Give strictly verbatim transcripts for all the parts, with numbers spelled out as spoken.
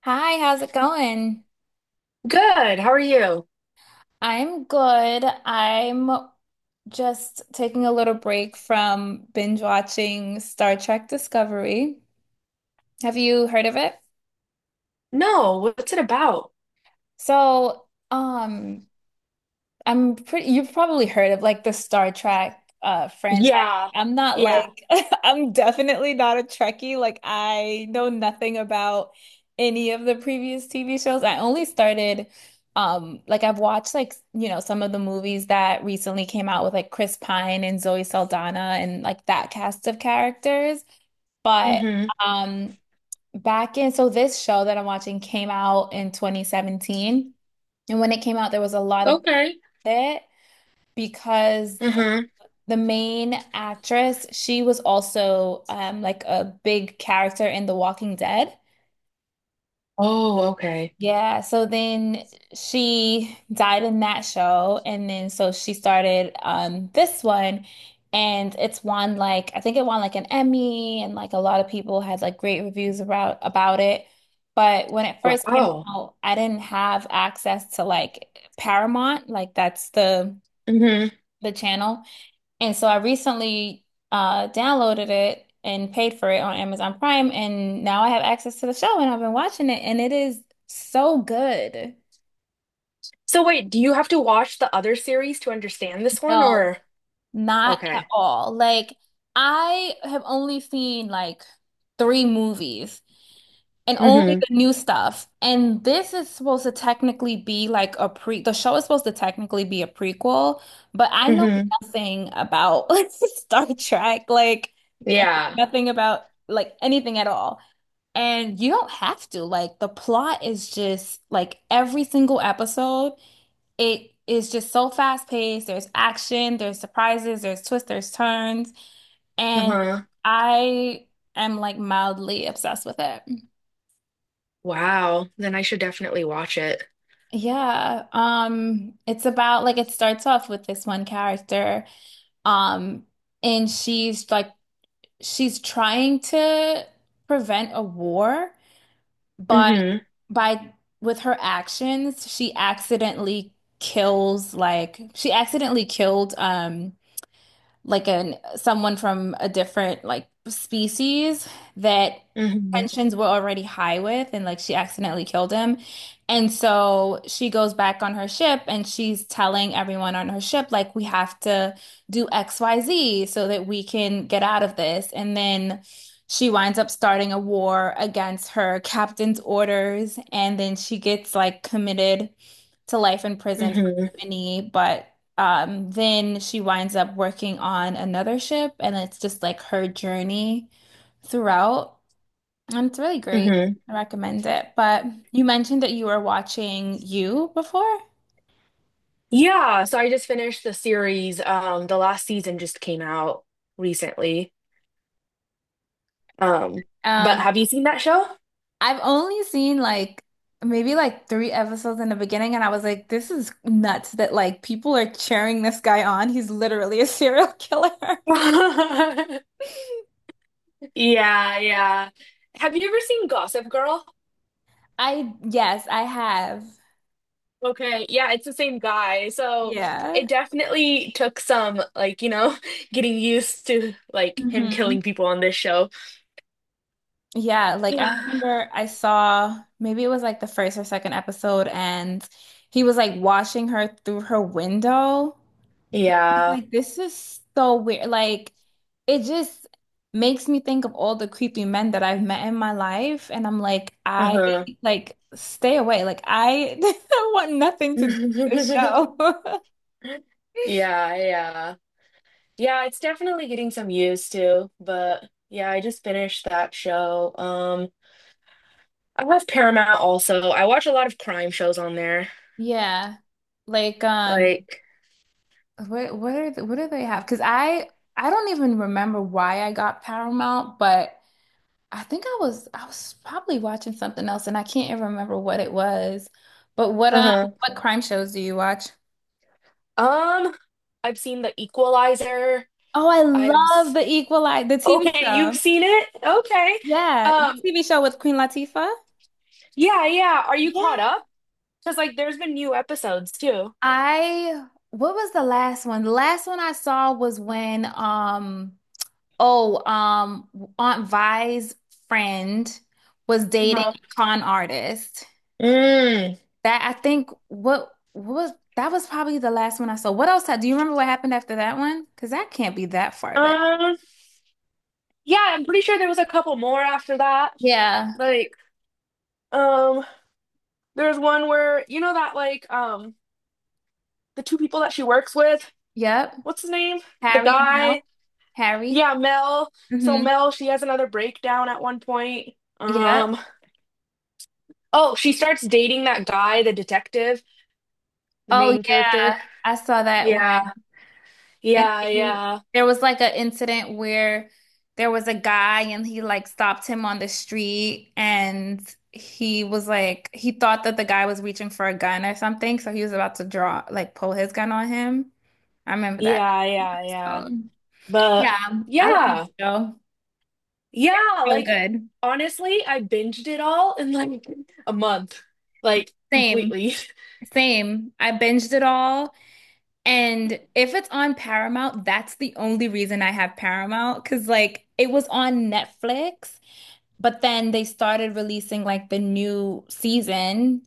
Hi, how's it going? Good. How are you? I'm good. I'm just taking a little break from binge watching Star Trek Discovery. Have you heard of it? No, what's it about? So, um, I'm pretty, you've probably heard of like the Star Trek uh franchise. Yeah. I'm not Yeah. like I'm definitely not a Trekkie. Like I know nothing about any of the previous T V shows. I only started um like I've watched, like, you know, some of the movies that recently came out with like Chris Pine and Zoe Saldana and like that cast of characters. But Mm-hmm. um back in so this show that I'm watching came out in twenty seventeen. And when it came out, there was a lot of Okay. it because th- Mm-hmm. the main actress, she was also um like a big character in The Walking Dead. Oh, okay. Yeah, so then she died in that show and then so she started um this one, and it's won like I think it won like an Emmy, and like a lot of people had like great reviews about about it. But when it first came Wow. out, I didn't have access to like Paramount, like that's the Mm-hmm. the channel. And so I recently uh, downloaded it and paid for it on Amazon Prime, and now I have access to the show, and I've been watching it, and it is so good. So wait, do you have to watch the other series to understand this one, No, or? not at Okay. all. Like, I have only seen like three movies. And only Mm-hmm. the new stuff. And this is supposed to technically be like a pre, the show is supposed to technically be a prequel, but I know Mm-hmm. nothing about Star Trek. Like, I Yeah. know nothing about like anything at all. And you don't have to. Like, the plot is just like every single episode, it is just so fast paced. There's action, there's surprises, there's twists, there's turns. And Uh-huh. I am like mildly obsessed with it. Wow. Then I should definitely watch it. Yeah, um, it's about like it starts off with this one character, um, and she's like she's trying to prevent a war, but Mm-hmm. by with her actions, she accidentally kills like she accidentally killed um like an someone from a different like species that Mm-hmm. tensions were already high with, and like she accidentally killed him. And so she goes back on her ship and she's telling everyone on her ship like we have to do X Y Z so that we can get out of this. And then she winds up starting a war against her captain's orders, and then she gets like committed to life in prison for Mm-hmm. mutiny, but um, then she winds up working on another ship, and it's just like her journey throughout, and it's really great. Mm-hmm. I recommend it. But you mentioned that you were watching You before. Yeah, so I just finished the series. Um, the last season just came out recently. Um, but Um, have you seen that show? I've only seen like maybe like three episodes in the beginning, and I was like, this is nuts that like people are cheering this guy on. He's literally a serial killer. Yeah, yeah. Have you ever seen Gossip Girl? I yes, I have. Okay, yeah, it's the same guy. So Yeah. it definitely took some, like, you know, getting used to like him Hmm. killing people on this show. Yeah, like I remember I saw maybe it was like the first or second episode, and he was like watching her through her window. Yeah. Like, this is so weird. Like, it just makes me think of all the creepy men that I've met in my life, and I'm like, I Uh-huh. like stay away. Like, I want nothing to do with this show. Yeah, yeah. Yeah, it's definitely getting some used to, but yeah, I just finished that show. Um, I love Paramount also. I watch a lot of crime shows on there. Yeah. Like um Like, what what are the, what do they have? Because I I don't even remember why I got Paramount, but I think I was I was probably watching something else and I can't even remember what it was. But what um uh-huh. what crime shows do you watch? Um, I've seen The Equalizer. Oh, I I've love s- The Equalizer, the T V okay, you've show. seen it? Okay. Yeah, the Um, T V show with Queen Latifah. yeah, yeah. Are you caught Yeah. up? Because like there's been new episodes too. I what was the last one? The last one I saw was when um oh um Aunt Vi's friend was dating No. a con artist. Mm. That I think what what was that was probably the last one I saw. What else had, do you remember what happened after that one? Because that can't be that far back. Um, yeah, I'm pretty sure there was a couple more after that. Yeah. Like, um, there's one where you know that like um the two people that she works with, Yep. what's his name? The Harry and Mel. guy. Harry. Yeah, Mel. So Hmm. Mel, she has another breakdown at one point. Yep. Um Oh, she starts dating that guy, the detective, the Oh main character. yeah. I saw that one. Yeah, And yeah, then yeah, there was like an incident where there was a guy and he like stopped him on the street, and he was like he thought that the guy was reaching for a gun or something, so he was about to draw like pull his gun on him. I remember that yeah, yeah, yeah. episode. Yeah, But um, I love the yeah, show. yeah, So like good. honestly, I binged it all in like a month, like Same, completely. same. I binged it all. And if it's on Paramount, that's the only reason I have Paramount. Because, like, it was on Netflix, but then they started releasing, like, the new season.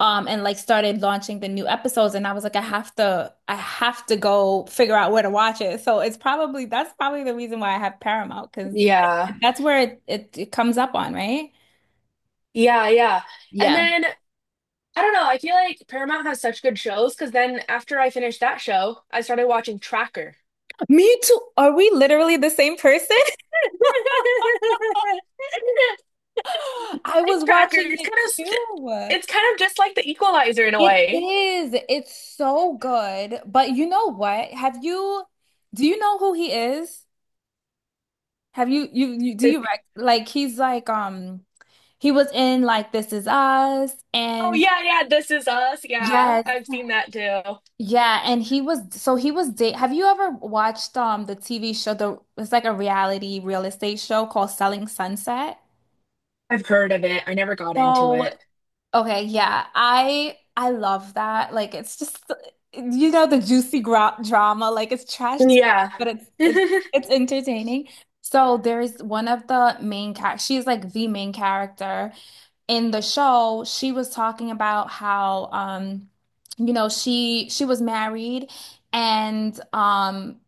Um, and like started launching the new episodes, and I was like, I have to, I have to go figure out where to watch it. So it's probably that's probably the reason why I have Paramount, because Yeah, that's where it, it it comes up on, right? yeah, yeah. And Yeah. then I don't know, I feel like Paramount has such good shows because then after I finished that show, I started watching Tracker. Me too. Are we literally the same person? Life I was tracker. watching It's it kind of st- too. It's kind of just like the Equalizer in a It way. is. It's so good. But you know what? Have you, do you know who he is? Have you, you, you do you Like, rec like he's like um he was in like This Is Us oh and yeah, yeah, this is us. Yeah, yes, I've seen that too. yeah, and he was so he was date. Have you ever watched um the T V show the it's like a reality real estate show called Selling Sunset? I've heard of it. I never got into So it. okay, yeah. I I love that. Like it's just you know the juicy gra drama, like it's trash T V, Yeah. but it's it's it's entertaining. So there's one of the main char she's like the main character in the show. She was talking about how um you know she she was married and um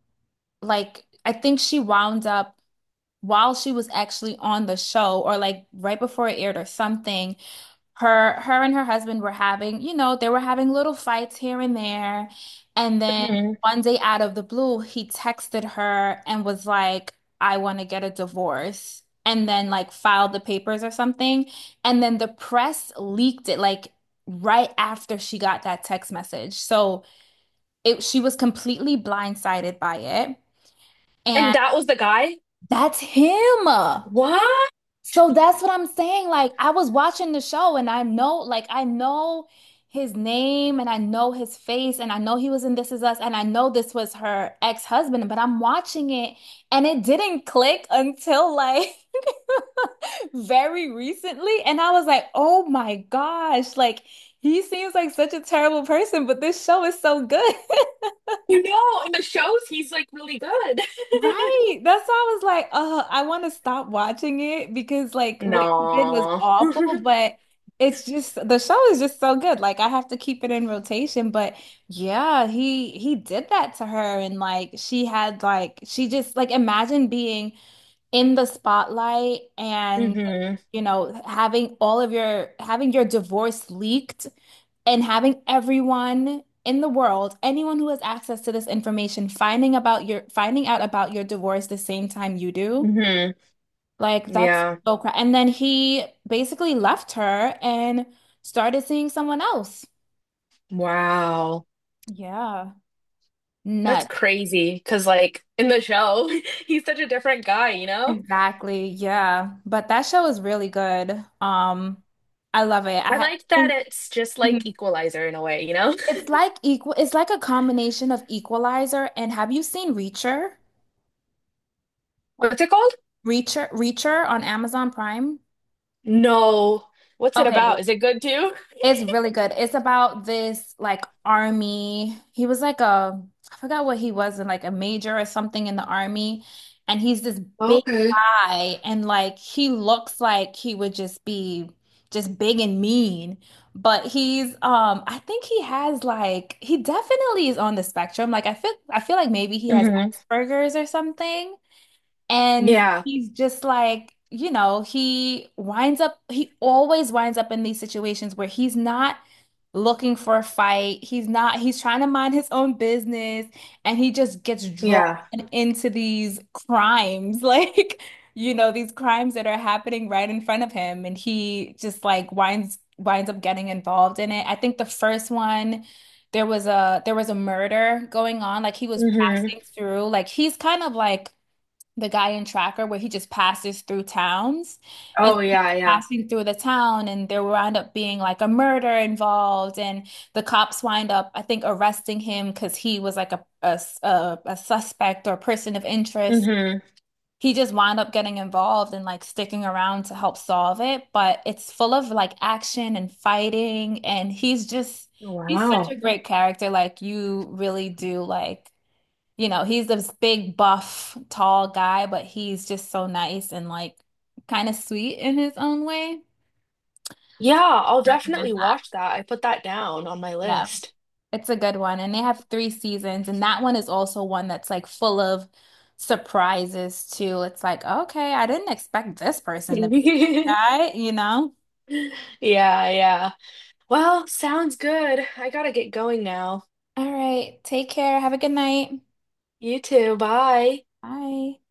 like I think she wound up while she was actually on the show or like right before it aired or something her her and her husband were having, you know, they were having little fights here and there. And then Mhm. one day out of the blue, he texted her and was like, I want to get a divorce. And then like filed the papers or something. And then the press leaked it like right after she got that text message. So it she was completely blindsided by it. And And that was the guy? that's him. What? So that's what I'm saying. Like I was watching the show and I know, like I know his name and I know his face and I know he was in This Is Us and I know this was her ex-husband, but I'm watching it and it didn't click until like very recently, and I was like, "Oh my gosh, like he seems like such a terrible person, but this show is so good." You know, in the shows he's like really good. Right. That's why I was like, uh, I want to stop watching it because like what he did was No. awful, hmm but it's just the show is just so good. Like I have to keep it in rotation, but yeah, he he did that to her, and like she had like she just like imagine being in the spotlight and you know having all of your having your divorce leaked and having everyone in the world anyone who has access to this information finding about your finding out about your divorce the same time you do, hmm like that's Yeah. so cra, and then he basically left her and started seeing someone else Wow. yeah That's nut crazy because, like, in the show, he's such a different guy, you know? exactly yeah but that show is really good um I love it I I ha- like that think. it's just like Equalizer in a way, you know? It's like equal, it's like a combination of Equalizer and have you seen Reacher? What's it called? Reacher, Reacher on Amazon Prime? No. What's it about? Okay, Is it good too? it's really good. It's about this like army. He was like a, I forgot what he was in, like a major or something in the army. And he's this big Okay. guy and like he looks like he would just be just big and mean. But he's um I think he has like he definitely is on the spectrum. Like I feel I feel like maybe he has hmm Asperger's or something. And Yeah. he's just like, you know, he winds up, he always winds up in these situations where he's not looking for a fight. He's not, he's trying to mind his own business and he just gets drawn Yeah. into these crimes, like, you know, these crimes that are happening right in front of him. And he just like winds, winds up getting involved in it. I think the first one, there was a, there was a murder going on. Like he was passing hmm through, like he's kind of like the guy in Tracker where he just passes through towns, and Oh, so he's yeah. Yeah. passing through the town and there wound up being like a murder involved, and the cops wind up I think arresting him because he was like a a a a suspect or person of interest. hmm He just wound up getting involved and like sticking around to help solve it, but it's full of like action and fighting, and he's just he's such a Wow. great character like you really do like, you know, he's this big, buff, tall guy, but he's just so nice and like kind of sweet in his own way. Yeah, So I'll I recommend definitely that. watch that. I put that down on my Yeah, list. it's a good one. And they have three seasons, and that one is also one that's like full of surprises too. It's like, okay, I didn't expect this person to be that guy, you know? Yeah, yeah. Well, sounds good. I gotta get going now. All right, take care. Have a good night. You too. Bye. Bye.